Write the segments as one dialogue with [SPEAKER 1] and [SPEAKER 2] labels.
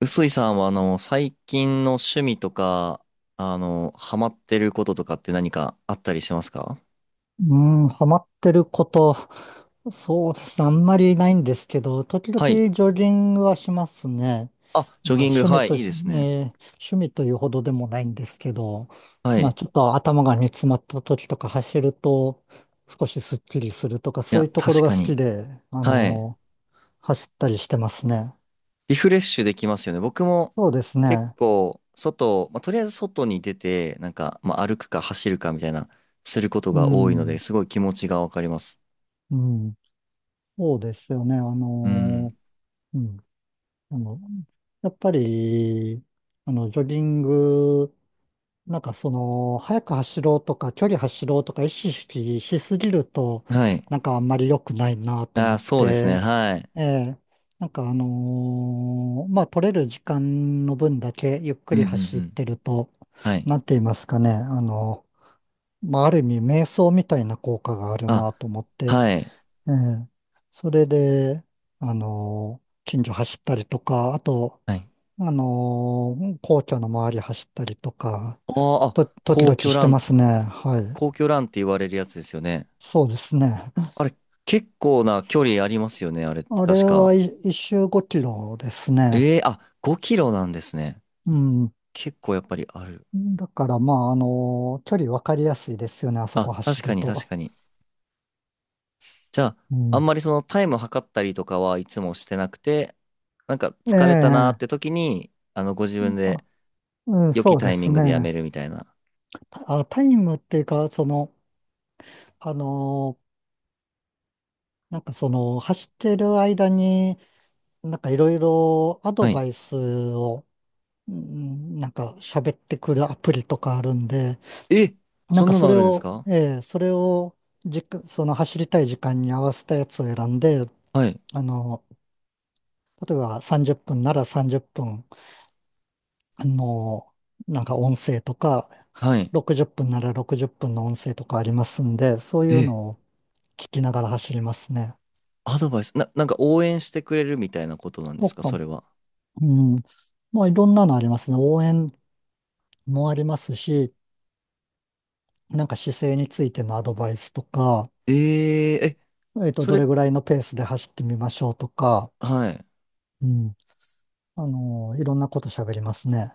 [SPEAKER 1] 臼井さんは最近の趣味とかハマってることとかって何かあったりしますか？
[SPEAKER 2] うん、ハマってること、そうですね、あんまりないんですけど、時々
[SPEAKER 1] はい。
[SPEAKER 2] ジョギングはしますね。
[SPEAKER 1] あ、ジョ
[SPEAKER 2] まあ、
[SPEAKER 1] ギング、はい、いいですね。
[SPEAKER 2] 趣味というほどでもないんですけど、
[SPEAKER 1] はい。
[SPEAKER 2] まあ、
[SPEAKER 1] い
[SPEAKER 2] ちょっと頭が煮詰まった時とか走ると、少しスッキリするとか、そう
[SPEAKER 1] や、
[SPEAKER 2] いうところ
[SPEAKER 1] 確
[SPEAKER 2] が
[SPEAKER 1] か
[SPEAKER 2] 好
[SPEAKER 1] に。
[SPEAKER 2] きで、
[SPEAKER 1] はい。
[SPEAKER 2] 走ったりしてますね。
[SPEAKER 1] リフレッシュできますよね。僕も
[SPEAKER 2] そうです
[SPEAKER 1] 結
[SPEAKER 2] ね。
[SPEAKER 1] 構外、まあ、とりあえず外に出て、なんか、まあ、歩くか走るかみたいな、すること
[SPEAKER 2] う
[SPEAKER 1] が多いので、
[SPEAKER 2] ん、
[SPEAKER 1] すごい気持ちがわかります。
[SPEAKER 2] うん、そうですよね。
[SPEAKER 1] うん。
[SPEAKER 2] うん。あのやっぱり、ジョギング、速く走ろうとか、距離走ろうとか意識しすぎると、
[SPEAKER 1] はい。
[SPEAKER 2] なんかあんまり良くないなと
[SPEAKER 1] あ
[SPEAKER 2] 思
[SPEAKER 1] あ、
[SPEAKER 2] っ
[SPEAKER 1] そうですね。
[SPEAKER 2] て、
[SPEAKER 1] はい。
[SPEAKER 2] ええ、まあ、取れる時間の分だけゆっく
[SPEAKER 1] うん
[SPEAKER 2] り
[SPEAKER 1] うん
[SPEAKER 2] 走
[SPEAKER 1] う
[SPEAKER 2] っ
[SPEAKER 1] ん。
[SPEAKER 2] てると、
[SPEAKER 1] はい。
[SPEAKER 2] なんて言いますかね、まあ、ある意味瞑想みたいな効果がある
[SPEAKER 1] あ、
[SPEAKER 2] なと思って、
[SPEAKER 1] はい。
[SPEAKER 2] ええ、それで、近所走ったりとか、あと、
[SPEAKER 1] はい。
[SPEAKER 2] 皇居の周り走ったりとか、
[SPEAKER 1] あーあ、
[SPEAKER 2] 時
[SPEAKER 1] 皇
[SPEAKER 2] 々
[SPEAKER 1] 居
[SPEAKER 2] し
[SPEAKER 1] ラ
[SPEAKER 2] てま
[SPEAKER 1] ン
[SPEAKER 2] すね。はい。
[SPEAKER 1] 皇居ランって言われるやつですよね。
[SPEAKER 2] そうですね。
[SPEAKER 1] あれ、結構な距離ありますよね、あれって
[SPEAKER 2] あれ
[SPEAKER 1] 確か。
[SPEAKER 2] はい一周5キロですね。
[SPEAKER 1] ええ、あ、5キロなんですね。
[SPEAKER 2] うん。
[SPEAKER 1] 結構やっぱりある。
[SPEAKER 2] だから、まあ、距離分かりやすいですよね。あそ
[SPEAKER 1] あ、
[SPEAKER 2] こ走
[SPEAKER 1] 確か
[SPEAKER 2] る
[SPEAKER 1] に確
[SPEAKER 2] と。
[SPEAKER 1] かに。じゃあ、
[SPEAKER 2] う
[SPEAKER 1] あん
[SPEAKER 2] ん。
[SPEAKER 1] まりそのタイム測ったりとかはいつもしてなくて、なんか
[SPEAKER 2] え
[SPEAKER 1] 疲れたなーっ
[SPEAKER 2] え。
[SPEAKER 1] て時に、ご自分で
[SPEAKER 2] あ、うん、
[SPEAKER 1] 良
[SPEAKER 2] そ
[SPEAKER 1] き
[SPEAKER 2] う
[SPEAKER 1] タ
[SPEAKER 2] で
[SPEAKER 1] イミ
[SPEAKER 2] す
[SPEAKER 1] ングでや
[SPEAKER 2] ね。
[SPEAKER 1] めるみたいな。
[SPEAKER 2] あ、タイムっていうか、その、あのーなんかその、走ってる間に、なんかいろいろアド
[SPEAKER 1] はい。
[SPEAKER 2] バイスを、うん、なんか喋ってくるアプリとかあるんで、
[SPEAKER 1] え、
[SPEAKER 2] なん
[SPEAKER 1] そん
[SPEAKER 2] か
[SPEAKER 1] な
[SPEAKER 2] そ
[SPEAKER 1] のあ
[SPEAKER 2] れ
[SPEAKER 1] るんです
[SPEAKER 2] を、
[SPEAKER 1] か？
[SPEAKER 2] ええ、それをじか、その走りたい時間に合わせたやつを選んで、
[SPEAKER 1] はい。
[SPEAKER 2] あの、例えば30分なら30分、あの、なんか音声とか、
[SPEAKER 1] はい。
[SPEAKER 2] 60分なら60分の音声とかありますんで、そういう
[SPEAKER 1] え、
[SPEAKER 2] のを聞きながら走りますね。
[SPEAKER 1] アドバイス、なんか応援してくれるみたいなことなんで
[SPEAKER 2] と
[SPEAKER 1] すか、そ
[SPEAKER 2] か、
[SPEAKER 1] れは。
[SPEAKER 2] うん、まあいろんなのありますね。応援もありますし、なんか姿勢についてのアドバイスとか、
[SPEAKER 1] えええ、
[SPEAKER 2] えっと、
[SPEAKER 1] そ
[SPEAKER 2] ど
[SPEAKER 1] れ、
[SPEAKER 2] れぐらいのペースで走ってみましょうとか、
[SPEAKER 1] はい。
[SPEAKER 2] うん。あの、いろんなこと喋りますね。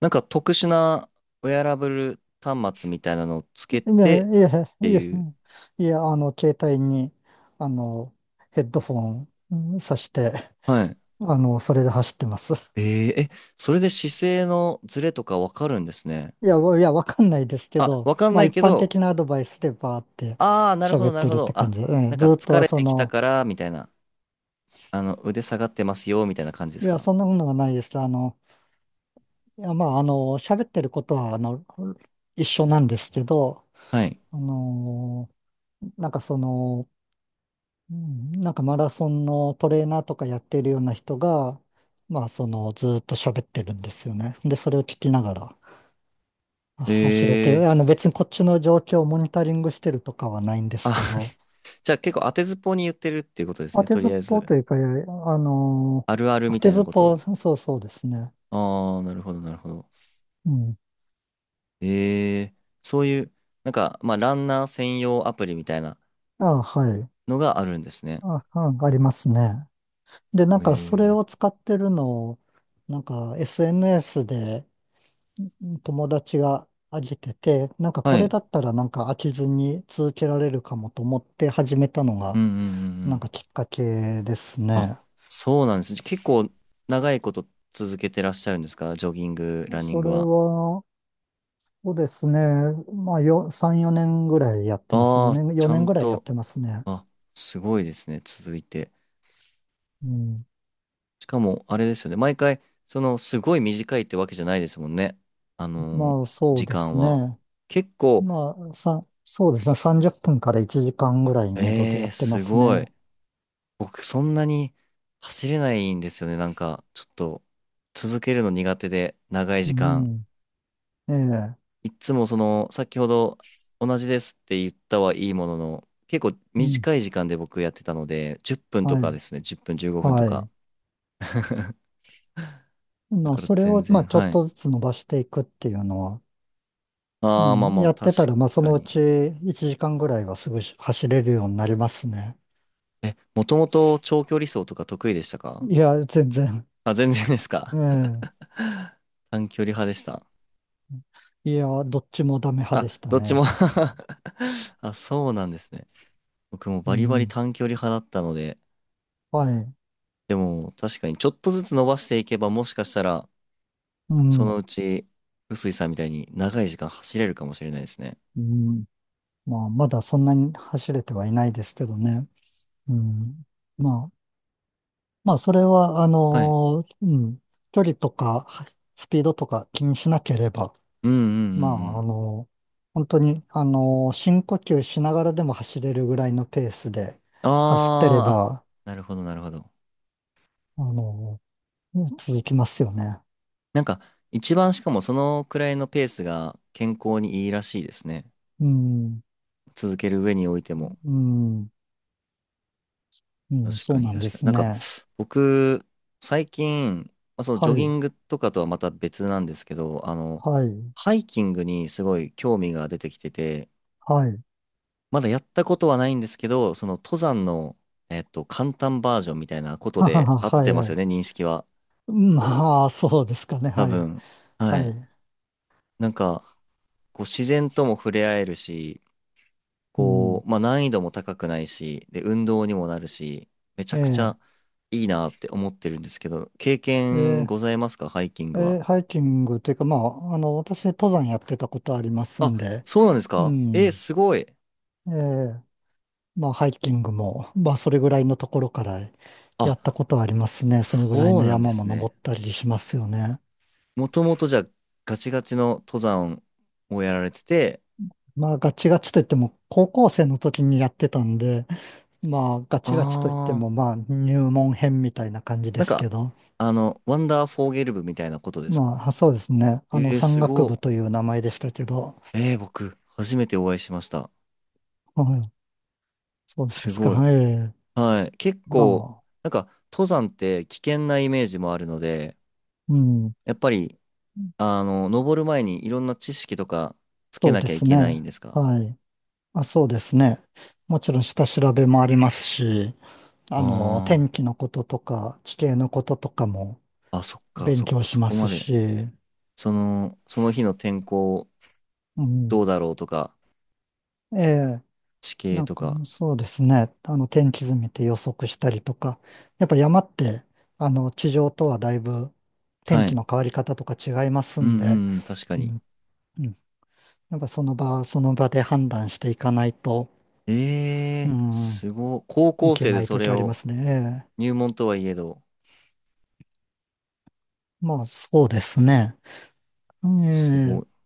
[SPEAKER 1] なんか特殊なウェアラブル端末みたいなのをつけ
[SPEAKER 2] い
[SPEAKER 1] て
[SPEAKER 2] や、
[SPEAKER 1] っ
[SPEAKER 2] いや、
[SPEAKER 1] て
[SPEAKER 2] いや、
[SPEAKER 1] い
[SPEAKER 2] う
[SPEAKER 1] う。
[SPEAKER 2] んいや、あの、携帯に、あの、ヘッドフォン、うん挿して、
[SPEAKER 1] はい。
[SPEAKER 2] あの、それで走ってます。
[SPEAKER 1] えー、え、それで姿勢のズレとかわかるんですね。
[SPEAKER 2] いや、わかんないですけ
[SPEAKER 1] あ、
[SPEAKER 2] ど、
[SPEAKER 1] わかん
[SPEAKER 2] ま
[SPEAKER 1] な
[SPEAKER 2] あ、
[SPEAKER 1] い
[SPEAKER 2] 一
[SPEAKER 1] け
[SPEAKER 2] 般
[SPEAKER 1] ど、
[SPEAKER 2] 的なアドバイスでバーって
[SPEAKER 1] ああ、なるほ
[SPEAKER 2] 喋
[SPEAKER 1] ど、
[SPEAKER 2] っ
[SPEAKER 1] なる
[SPEAKER 2] て
[SPEAKER 1] ほ
[SPEAKER 2] るっ
[SPEAKER 1] ど。
[SPEAKER 2] て感
[SPEAKER 1] あ、
[SPEAKER 2] じ。う
[SPEAKER 1] なん
[SPEAKER 2] ん、
[SPEAKER 1] か
[SPEAKER 2] ずっ
[SPEAKER 1] 疲
[SPEAKER 2] と、
[SPEAKER 1] れ
[SPEAKER 2] そ
[SPEAKER 1] てきた
[SPEAKER 2] の、
[SPEAKER 1] から、みたいな。腕下がってますよ、みたいな感じで
[SPEAKER 2] い
[SPEAKER 1] す
[SPEAKER 2] や、
[SPEAKER 1] か？
[SPEAKER 2] そんなものはないです。あの、いや、まあ、あの、喋ってることは、あの、一緒なんですけど、
[SPEAKER 1] はい。
[SPEAKER 2] あのなんかその、うんなんかマラソンのトレーナーとかやってるような人が、まあそのずーっと喋ってるんですよね。で、それを聞きながら走れ
[SPEAKER 1] え
[SPEAKER 2] て、
[SPEAKER 1] ー、
[SPEAKER 2] あの別にこっちの状況をモニタリングしてるとかはないんですけ
[SPEAKER 1] あ、
[SPEAKER 2] ど、
[SPEAKER 1] じゃあ結構当てずっぽうに言ってるっていうことです
[SPEAKER 2] 当
[SPEAKER 1] ね。
[SPEAKER 2] て
[SPEAKER 1] と
[SPEAKER 2] ず
[SPEAKER 1] り
[SPEAKER 2] っ
[SPEAKER 1] あえ
[SPEAKER 2] ぽう
[SPEAKER 1] ず。
[SPEAKER 2] というか、あの、
[SPEAKER 1] あるある
[SPEAKER 2] 当
[SPEAKER 1] みた
[SPEAKER 2] て
[SPEAKER 1] い
[SPEAKER 2] ず
[SPEAKER 1] な
[SPEAKER 2] っ
[SPEAKER 1] こ
[SPEAKER 2] ぽ
[SPEAKER 1] と
[SPEAKER 2] う、そうそうですね。
[SPEAKER 1] を。ああ、なるほど、なるほど。
[SPEAKER 2] うん。
[SPEAKER 1] ええ、そういう、なんか、まあ、ランナー専用アプリみたいな
[SPEAKER 2] あ、はい。
[SPEAKER 1] のがあるんですね。
[SPEAKER 2] あ、うん、ありますね。で、なん
[SPEAKER 1] え
[SPEAKER 2] かそれ
[SPEAKER 1] え、
[SPEAKER 2] を使ってるのを、なんか SNS で友達があげてて、なんかこ
[SPEAKER 1] は
[SPEAKER 2] れ
[SPEAKER 1] い。
[SPEAKER 2] だったらなんか飽きずに続けられるかもと思って始めたの
[SPEAKER 1] うん
[SPEAKER 2] が、
[SPEAKER 1] うんうんう
[SPEAKER 2] なん
[SPEAKER 1] ん。
[SPEAKER 2] かきっかけです
[SPEAKER 1] あ、
[SPEAKER 2] ね。
[SPEAKER 1] そうなんです。じゃ結構長いこと続けてらっしゃるんですか？ジョギング、ランニン
[SPEAKER 2] そ
[SPEAKER 1] グ
[SPEAKER 2] れ
[SPEAKER 1] は。
[SPEAKER 2] は、そうですね。3、4年ぐらいやってます。
[SPEAKER 1] ああ、ちゃ
[SPEAKER 2] 4年
[SPEAKER 1] ん
[SPEAKER 2] ぐらいやっ
[SPEAKER 1] と、
[SPEAKER 2] てますね。
[SPEAKER 1] あ、すごいですね。続いて。
[SPEAKER 2] うん。
[SPEAKER 1] しかも、あれですよね。毎回、すごい短いってわけじゃないですもんね。あのー
[SPEAKER 2] まあ、そう
[SPEAKER 1] 時
[SPEAKER 2] で
[SPEAKER 1] 間
[SPEAKER 2] す
[SPEAKER 1] は。
[SPEAKER 2] ね。
[SPEAKER 1] 結構、
[SPEAKER 2] そうですね。30分から1時間ぐらいめどで
[SPEAKER 1] え
[SPEAKER 2] や
[SPEAKER 1] え、
[SPEAKER 2] ってま
[SPEAKER 1] す
[SPEAKER 2] す
[SPEAKER 1] ごい。
[SPEAKER 2] ね。
[SPEAKER 1] 僕そんなに走れないんですよね。なんかちょっと続けるの苦手で長い
[SPEAKER 2] う
[SPEAKER 1] 時間。
[SPEAKER 2] ん。ええ。
[SPEAKER 1] いっつもその先ほど同じですって言ったはいいものの結構
[SPEAKER 2] うん。
[SPEAKER 1] 短い時間で僕やってたので10分と
[SPEAKER 2] は
[SPEAKER 1] かで
[SPEAKER 2] い。
[SPEAKER 1] すね。10分、15分と
[SPEAKER 2] は
[SPEAKER 1] か。
[SPEAKER 2] い。
[SPEAKER 1] だ
[SPEAKER 2] まあ、
[SPEAKER 1] から
[SPEAKER 2] それ
[SPEAKER 1] 全
[SPEAKER 2] を、まあ、
[SPEAKER 1] 然
[SPEAKER 2] ちょ
[SPEAKER 1] は
[SPEAKER 2] っ
[SPEAKER 1] い。
[SPEAKER 2] とずつ伸ばしていくっていうのは、う
[SPEAKER 1] ああ、まあ
[SPEAKER 2] ん、
[SPEAKER 1] まあ
[SPEAKER 2] やっ
[SPEAKER 1] 確
[SPEAKER 2] てたら、まあ、そ
[SPEAKER 1] か
[SPEAKER 2] のう
[SPEAKER 1] に。
[SPEAKER 2] ち1時間ぐらいはすぐ走れるようになりますね。
[SPEAKER 1] え、もともと長距離走とか得意でしたか？
[SPEAKER 2] いや、全然。
[SPEAKER 1] あ、全然です か？
[SPEAKER 2] え
[SPEAKER 1] 短距離派でした。
[SPEAKER 2] え。いや、どっちもダメ派
[SPEAKER 1] あ、
[SPEAKER 2] でした
[SPEAKER 1] どっちも
[SPEAKER 2] ね。
[SPEAKER 1] あ、そうなんですね。僕も
[SPEAKER 2] う
[SPEAKER 1] バリバリ
[SPEAKER 2] ん。
[SPEAKER 1] 短距離派だったので、
[SPEAKER 2] はい。
[SPEAKER 1] でも確かにちょっとずつ伸ばしていけばもしかしたら、
[SPEAKER 2] う
[SPEAKER 1] そ
[SPEAKER 2] ん。
[SPEAKER 1] のうち、臼井さんみたいに長い時間走れるかもしれないですね。
[SPEAKER 2] うん。まあ、まだそんなに走れてはいないですけどね。うん。まあ、まあ、それは、
[SPEAKER 1] はい。
[SPEAKER 2] うん。距離とか、スピードとか気にしなければ、
[SPEAKER 1] うんうんう
[SPEAKER 2] ま
[SPEAKER 1] んう
[SPEAKER 2] あ、あ
[SPEAKER 1] ん。
[SPEAKER 2] の、本当に、あの、深呼吸しながらでも走れるぐらいのペースで走ってれ
[SPEAKER 1] あーあ、
[SPEAKER 2] ば、
[SPEAKER 1] なるほどなるほど。
[SPEAKER 2] あの、続きますよね。
[SPEAKER 1] なんか、一番しかもそのくらいのペースが健康にいいらしいですね。
[SPEAKER 2] うん、
[SPEAKER 1] 続ける上において
[SPEAKER 2] う
[SPEAKER 1] も。
[SPEAKER 2] ん、うん、
[SPEAKER 1] 確
[SPEAKER 2] そ
[SPEAKER 1] か
[SPEAKER 2] う
[SPEAKER 1] に
[SPEAKER 2] なんで
[SPEAKER 1] 確かに。
[SPEAKER 2] す
[SPEAKER 1] なんか、
[SPEAKER 2] ね。
[SPEAKER 1] 僕、最近、まあ、そのジ
[SPEAKER 2] は
[SPEAKER 1] ョギ
[SPEAKER 2] い、
[SPEAKER 1] ングとかとはまた別なんですけど、
[SPEAKER 2] はい、
[SPEAKER 1] ハイキングにすごい興味が出てきてて、
[SPEAKER 2] はい。
[SPEAKER 1] まだやったことはないんですけど、その登山の、簡単バージョンみたいなこ と
[SPEAKER 2] はは
[SPEAKER 1] で
[SPEAKER 2] は
[SPEAKER 1] 合っ
[SPEAKER 2] は
[SPEAKER 1] て
[SPEAKER 2] い、
[SPEAKER 1] ま
[SPEAKER 2] は
[SPEAKER 1] すよね、
[SPEAKER 2] い。
[SPEAKER 1] 認識は。
[SPEAKER 2] まあ、そうですかね。
[SPEAKER 1] 多
[SPEAKER 2] はい、
[SPEAKER 1] 分。は
[SPEAKER 2] は
[SPEAKER 1] い。
[SPEAKER 2] い。
[SPEAKER 1] なんか、こう自然とも触れ合えるし、
[SPEAKER 2] う
[SPEAKER 1] こ
[SPEAKER 2] ん、
[SPEAKER 1] う、まあ難易度も高くないし、で、運動にもなるし、めちゃ
[SPEAKER 2] え
[SPEAKER 1] くち
[SPEAKER 2] え、
[SPEAKER 1] ゃいいなって思ってるんですけど、経
[SPEAKER 2] え
[SPEAKER 1] 験
[SPEAKER 2] え、
[SPEAKER 1] ございますか？ハイキン
[SPEAKER 2] え
[SPEAKER 1] グは。
[SPEAKER 2] えハイキングというか、まあ、あの、私、登山やってたことあります
[SPEAKER 1] あ、
[SPEAKER 2] んで、
[SPEAKER 1] そうなんです
[SPEAKER 2] う
[SPEAKER 1] か？え、
[SPEAKER 2] ん、
[SPEAKER 1] すごい。
[SPEAKER 2] ええまあ、ハイキングも、まあ、それぐらいのところからやった
[SPEAKER 1] あ、
[SPEAKER 2] ことはありますね。そのぐらい
[SPEAKER 1] そう
[SPEAKER 2] の
[SPEAKER 1] なんで
[SPEAKER 2] 山も
[SPEAKER 1] すね。
[SPEAKER 2] 登ったりしますよね。
[SPEAKER 1] もともとじゃあガチガチの登山をやられてて、
[SPEAKER 2] まあ、ガチガチといっても、高校生の時にやってたんで、まあ、ガ
[SPEAKER 1] あ
[SPEAKER 2] チガチといって
[SPEAKER 1] ー、
[SPEAKER 2] も、まあ、入門編みたいな感じで
[SPEAKER 1] なん
[SPEAKER 2] す
[SPEAKER 1] か、
[SPEAKER 2] けど、
[SPEAKER 1] ワンダーフォーゲル部みたいなことですか？
[SPEAKER 2] まあ、そうですね。あの、山
[SPEAKER 1] す
[SPEAKER 2] 岳部
[SPEAKER 1] ご
[SPEAKER 2] という名前でしたけど、
[SPEAKER 1] い。えー、僕、初めてお会いしました。
[SPEAKER 2] はい、そうで
[SPEAKER 1] す
[SPEAKER 2] すか。
[SPEAKER 1] ごい。
[SPEAKER 2] はい。
[SPEAKER 1] はい。結
[SPEAKER 2] ま
[SPEAKER 1] 構、
[SPEAKER 2] あ、
[SPEAKER 1] なんか、登山って危険なイメージもあるので、
[SPEAKER 2] うん、
[SPEAKER 1] やっぱり、登る前にいろんな知識とかつけ
[SPEAKER 2] そう
[SPEAKER 1] な
[SPEAKER 2] で
[SPEAKER 1] きゃい
[SPEAKER 2] す
[SPEAKER 1] けないん
[SPEAKER 2] ね。
[SPEAKER 1] ですか？
[SPEAKER 2] はい。あ、そうですね。もちろん下調べもありますし、あの、
[SPEAKER 1] あ
[SPEAKER 2] 天気のこととか、地形のこととかも
[SPEAKER 1] あー。あ、そっか、
[SPEAKER 2] 勉
[SPEAKER 1] そっ
[SPEAKER 2] 強
[SPEAKER 1] か、
[SPEAKER 2] し
[SPEAKER 1] そ
[SPEAKER 2] ま
[SPEAKER 1] こ
[SPEAKER 2] す
[SPEAKER 1] まで。
[SPEAKER 2] し、
[SPEAKER 1] その日の天候
[SPEAKER 2] う
[SPEAKER 1] ど
[SPEAKER 2] ん。
[SPEAKER 1] うだろうとか、
[SPEAKER 2] ええ、
[SPEAKER 1] 地形
[SPEAKER 2] なん
[SPEAKER 1] と
[SPEAKER 2] か
[SPEAKER 1] か。
[SPEAKER 2] そうですね。あの、天気図見て予測したりとか、やっぱ山って、あの、地上とはだいぶ天
[SPEAKER 1] は
[SPEAKER 2] 気
[SPEAKER 1] い。
[SPEAKER 2] の変わり方とか違います
[SPEAKER 1] うんう
[SPEAKER 2] んで、
[SPEAKER 1] んうん、確か
[SPEAKER 2] う
[SPEAKER 1] に。
[SPEAKER 2] ん、うん。やっぱその場、その場で判断していかないと、
[SPEAKER 1] え
[SPEAKER 2] う
[SPEAKER 1] えー、
[SPEAKER 2] ん、
[SPEAKER 1] すごい。高
[SPEAKER 2] い
[SPEAKER 1] 校
[SPEAKER 2] け
[SPEAKER 1] 生
[SPEAKER 2] な
[SPEAKER 1] で
[SPEAKER 2] い
[SPEAKER 1] そ
[SPEAKER 2] 時
[SPEAKER 1] れ
[SPEAKER 2] ありま
[SPEAKER 1] を、
[SPEAKER 2] すね。ええ
[SPEAKER 1] 入門とはいえど、
[SPEAKER 2] まあ、そうですね。え
[SPEAKER 1] すご
[SPEAKER 2] え、
[SPEAKER 1] い。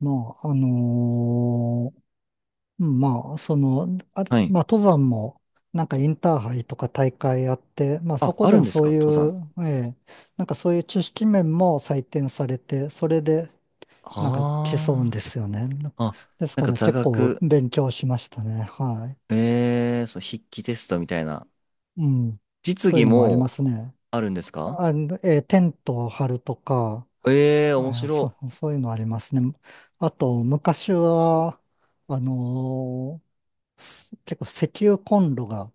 [SPEAKER 2] まあ、あのーまあ、その、あれ
[SPEAKER 1] はい。
[SPEAKER 2] まあ、登山も、なんかインターハイとか大会あって、まあ、そ
[SPEAKER 1] あ、
[SPEAKER 2] こ
[SPEAKER 1] あ
[SPEAKER 2] で
[SPEAKER 1] る
[SPEAKER 2] は
[SPEAKER 1] んです
[SPEAKER 2] そ
[SPEAKER 1] か？
[SPEAKER 2] うい
[SPEAKER 1] 登山。
[SPEAKER 2] う、ええ、なんかそういう知識面も採点されて、それで、なんか競うん
[SPEAKER 1] あ
[SPEAKER 2] ですよね。
[SPEAKER 1] あ。あ、
[SPEAKER 2] です
[SPEAKER 1] なん
[SPEAKER 2] か
[SPEAKER 1] か
[SPEAKER 2] ら
[SPEAKER 1] 座
[SPEAKER 2] 結構
[SPEAKER 1] 学。
[SPEAKER 2] 勉強しましたね。は
[SPEAKER 1] えー、そう、筆記テストみたいな。
[SPEAKER 2] い。うん。
[SPEAKER 1] 実
[SPEAKER 2] そういう
[SPEAKER 1] 技
[SPEAKER 2] のもありま
[SPEAKER 1] も
[SPEAKER 2] すね。
[SPEAKER 1] あるんですか？
[SPEAKER 2] あの、えーテントを張るとか、
[SPEAKER 1] えー、面
[SPEAKER 2] あ、そ
[SPEAKER 1] 白。
[SPEAKER 2] う、そういうのありますね。あと、昔は、あのーす結構石油コンロが、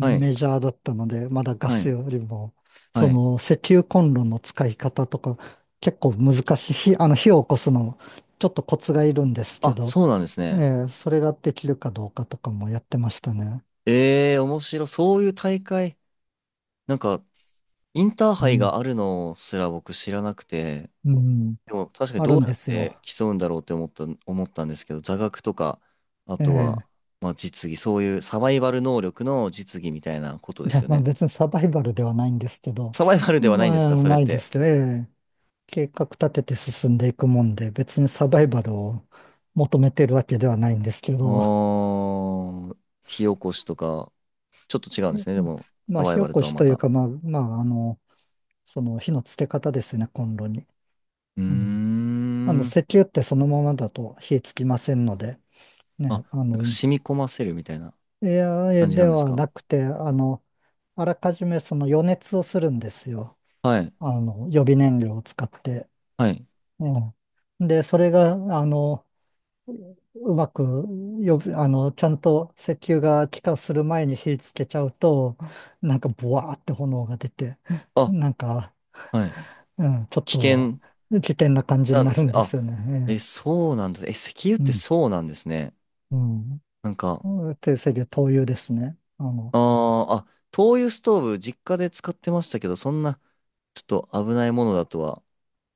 [SPEAKER 1] はい、
[SPEAKER 2] ジャーだったので、まだガ
[SPEAKER 1] は
[SPEAKER 2] ス
[SPEAKER 1] い、
[SPEAKER 2] よりも、
[SPEAKER 1] は
[SPEAKER 2] そ
[SPEAKER 1] い。
[SPEAKER 2] の石油コンロの使い方とか、結構難しい、あの火を起こすの、ちょっとコツがいるんですけ
[SPEAKER 1] あ、
[SPEAKER 2] ど、
[SPEAKER 1] そうなんです
[SPEAKER 2] え
[SPEAKER 1] ね。
[SPEAKER 2] ーそれができるかどうかとかもやってましたね。
[SPEAKER 1] えー、面白。そういう大会、なんか、インター
[SPEAKER 2] う
[SPEAKER 1] ハイ
[SPEAKER 2] ん、
[SPEAKER 1] があるのすら僕知らなくて、
[SPEAKER 2] うん、
[SPEAKER 1] でも確かに
[SPEAKER 2] あ
[SPEAKER 1] ど
[SPEAKER 2] る
[SPEAKER 1] う
[SPEAKER 2] ん
[SPEAKER 1] や
[SPEAKER 2] で
[SPEAKER 1] っ
[SPEAKER 2] すよ。
[SPEAKER 1] て競うんだろうって思ったんですけど、座学とか、あと
[SPEAKER 2] え
[SPEAKER 1] は、
[SPEAKER 2] え
[SPEAKER 1] まあ実技、そういうサバイバル能力の実技みたいなことで
[SPEAKER 2] い
[SPEAKER 1] す
[SPEAKER 2] や、
[SPEAKER 1] よ
[SPEAKER 2] まあ
[SPEAKER 1] ね。
[SPEAKER 2] 別にサバイバルではないんですけど、
[SPEAKER 1] サバイバルではないんです
[SPEAKER 2] まあ
[SPEAKER 1] か？それっ
[SPEAKER 2] ないで
[SPEAKER 1] て。
[SPEAKER 2] すよ。ええ計画立てて進んでいくもんで、別にサバイバルを求めてるわけではないんですけ
[SPEAKER 1] あ
[SPEAKER 2] ど、
[SPEAKER 1] ー、火起こしとか。ちょっと違うん
[SPEAKER 2] え
[SPEAKER 1] ですね。
[SPEAKER 2] う
[SPEAKER 1] で
[SPEAKER 2] ん
[SPEAKER 1] も、
[SPEAKER 2] ま
[SPEAKER 1] サ
[SPEAKER 2] あ、
[SPEAKER 1] バ
[SPEAKER 2] 火
[SPEAKER 1] イバ
[SPEAKER 2] 起
[SPEAKER 1] ル
[SPEAKER 2] こ
[SPEAKER 1] とは
[SPEAKER 2] し
[SPEAKER 1] ま
[SPEAKER 2] という
[SPEAKER 1] た。
[SPEAKER 2] か、まあ、まあ、あの、その火のつけ方ですね、コンロに。
[SPEAKER 1] うー
[SPEAKER 2] うん。あの、
[SPEAKER 1] ん。
[SPEAKER 2] 石油ってそのままだと火つきませんので、
[SPEAKER 1] あ、
[SPEAKER 2] ね、あ
[SPEAKER 1] なんか
[SPEAKER 2] の、
[SPEAKER 1] 染み込ませるみたいな
[SPEAKER 2] エアエ
[SPEAKER 1] 感じな
[SPEAKER 2] で
[SPEAKER 1] んです
[SPEAKER 2] は
[SPEAKER 1] か？
[SPEAKER 2] なくて、あの、あらかじめその予熱をするんですよ。
[SPEAKER 1] はい。
[SPEAKER 2] あの、予備燃料を使って。
[SPEAKER 1] はい。
[SPEAKER 2] うん。で、それが、あの、うまく、予備あの、ちゃんと石油が気化する前に火つけちゃうと、なんか、ボワーって炎が出て、
[SPEAKER 1] あ、
[SPEAKER 2] なんか、
[SPEAKER 1] はい。
[SPEAKER 2] うん、ちょっ
[SPEAKER 1] 危
[SPEAKER 2] と
[SPEAKER 1] 険
[SPEAKER 2] 危険な感じ
[SPEAKER 1] な
[SPEAKER 2] に
[SPEAKER 1] ん
[SPEAKER 2] な
[SPEAKER 1] で
[SPEAKER 2] る
[SPEAKER 1] すね。
[SPEAKER 2] んで
[SPEAKER 1] あ、
[SPEAKER 2] すよ
[SPEAKER 1] え、
[SPEAKER 2] ね。
[SPEAKER 1] そうなんだ。え、石油って
[SPEAKER 2] ええ
[SPEAKER 1] そうなんですね。
[SPEAKER 2] うん、
[SPEAKER 1] なんか、
[SPEAKER 2] うん。定石灯油ですね。あの、
[SPEAKER 1] あーあ、灯油ストーブ、実家で使ってましたけど、そんな、ちょっと危ないものだとは。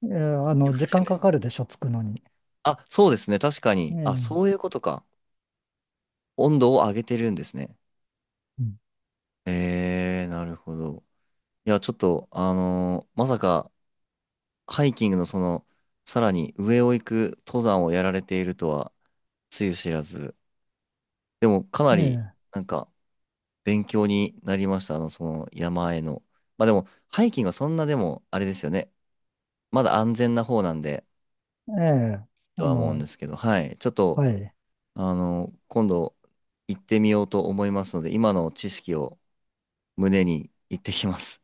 [SPEAKER 2] ええあの、時間かかるでしょ、つくのに。
[SPEAKER 1] あ、そうですね。確かに。あ、
[SPEAKER 2] え
[SPEAKER 1] そう
[SPEAKER 2] え
[SPEAKER 1] いうことか。温度を上げてるんですね。
[SPEAKER 2] うん
[SPEAKER 1] えー、なるほど。いや、ちょっと、まさか、ハイキングのその、さらに上を行く登山をやられているとは、つゆ知らず。でも、かなり、
[SPEAKER 2] ええ
[SPEAKER 1] なんか、勉強になりました。その山への。まあでも、ハイキングはそんなでも、あれですよね。まだ安全な方なんで、
[SPEAKER 2] ええ
[SPEAKER 1] と
[SPEAKER 2] あ
[SPEAKER 1] は思うん
[SPEAKER 2] の、
[SPEAKER 1] ですけど、はい。ちょっと、
[SPEAKER 2] はい。
[SPEAKER 1] 今度、行ってみようと思いますので、今の知識を胸に行ってきます。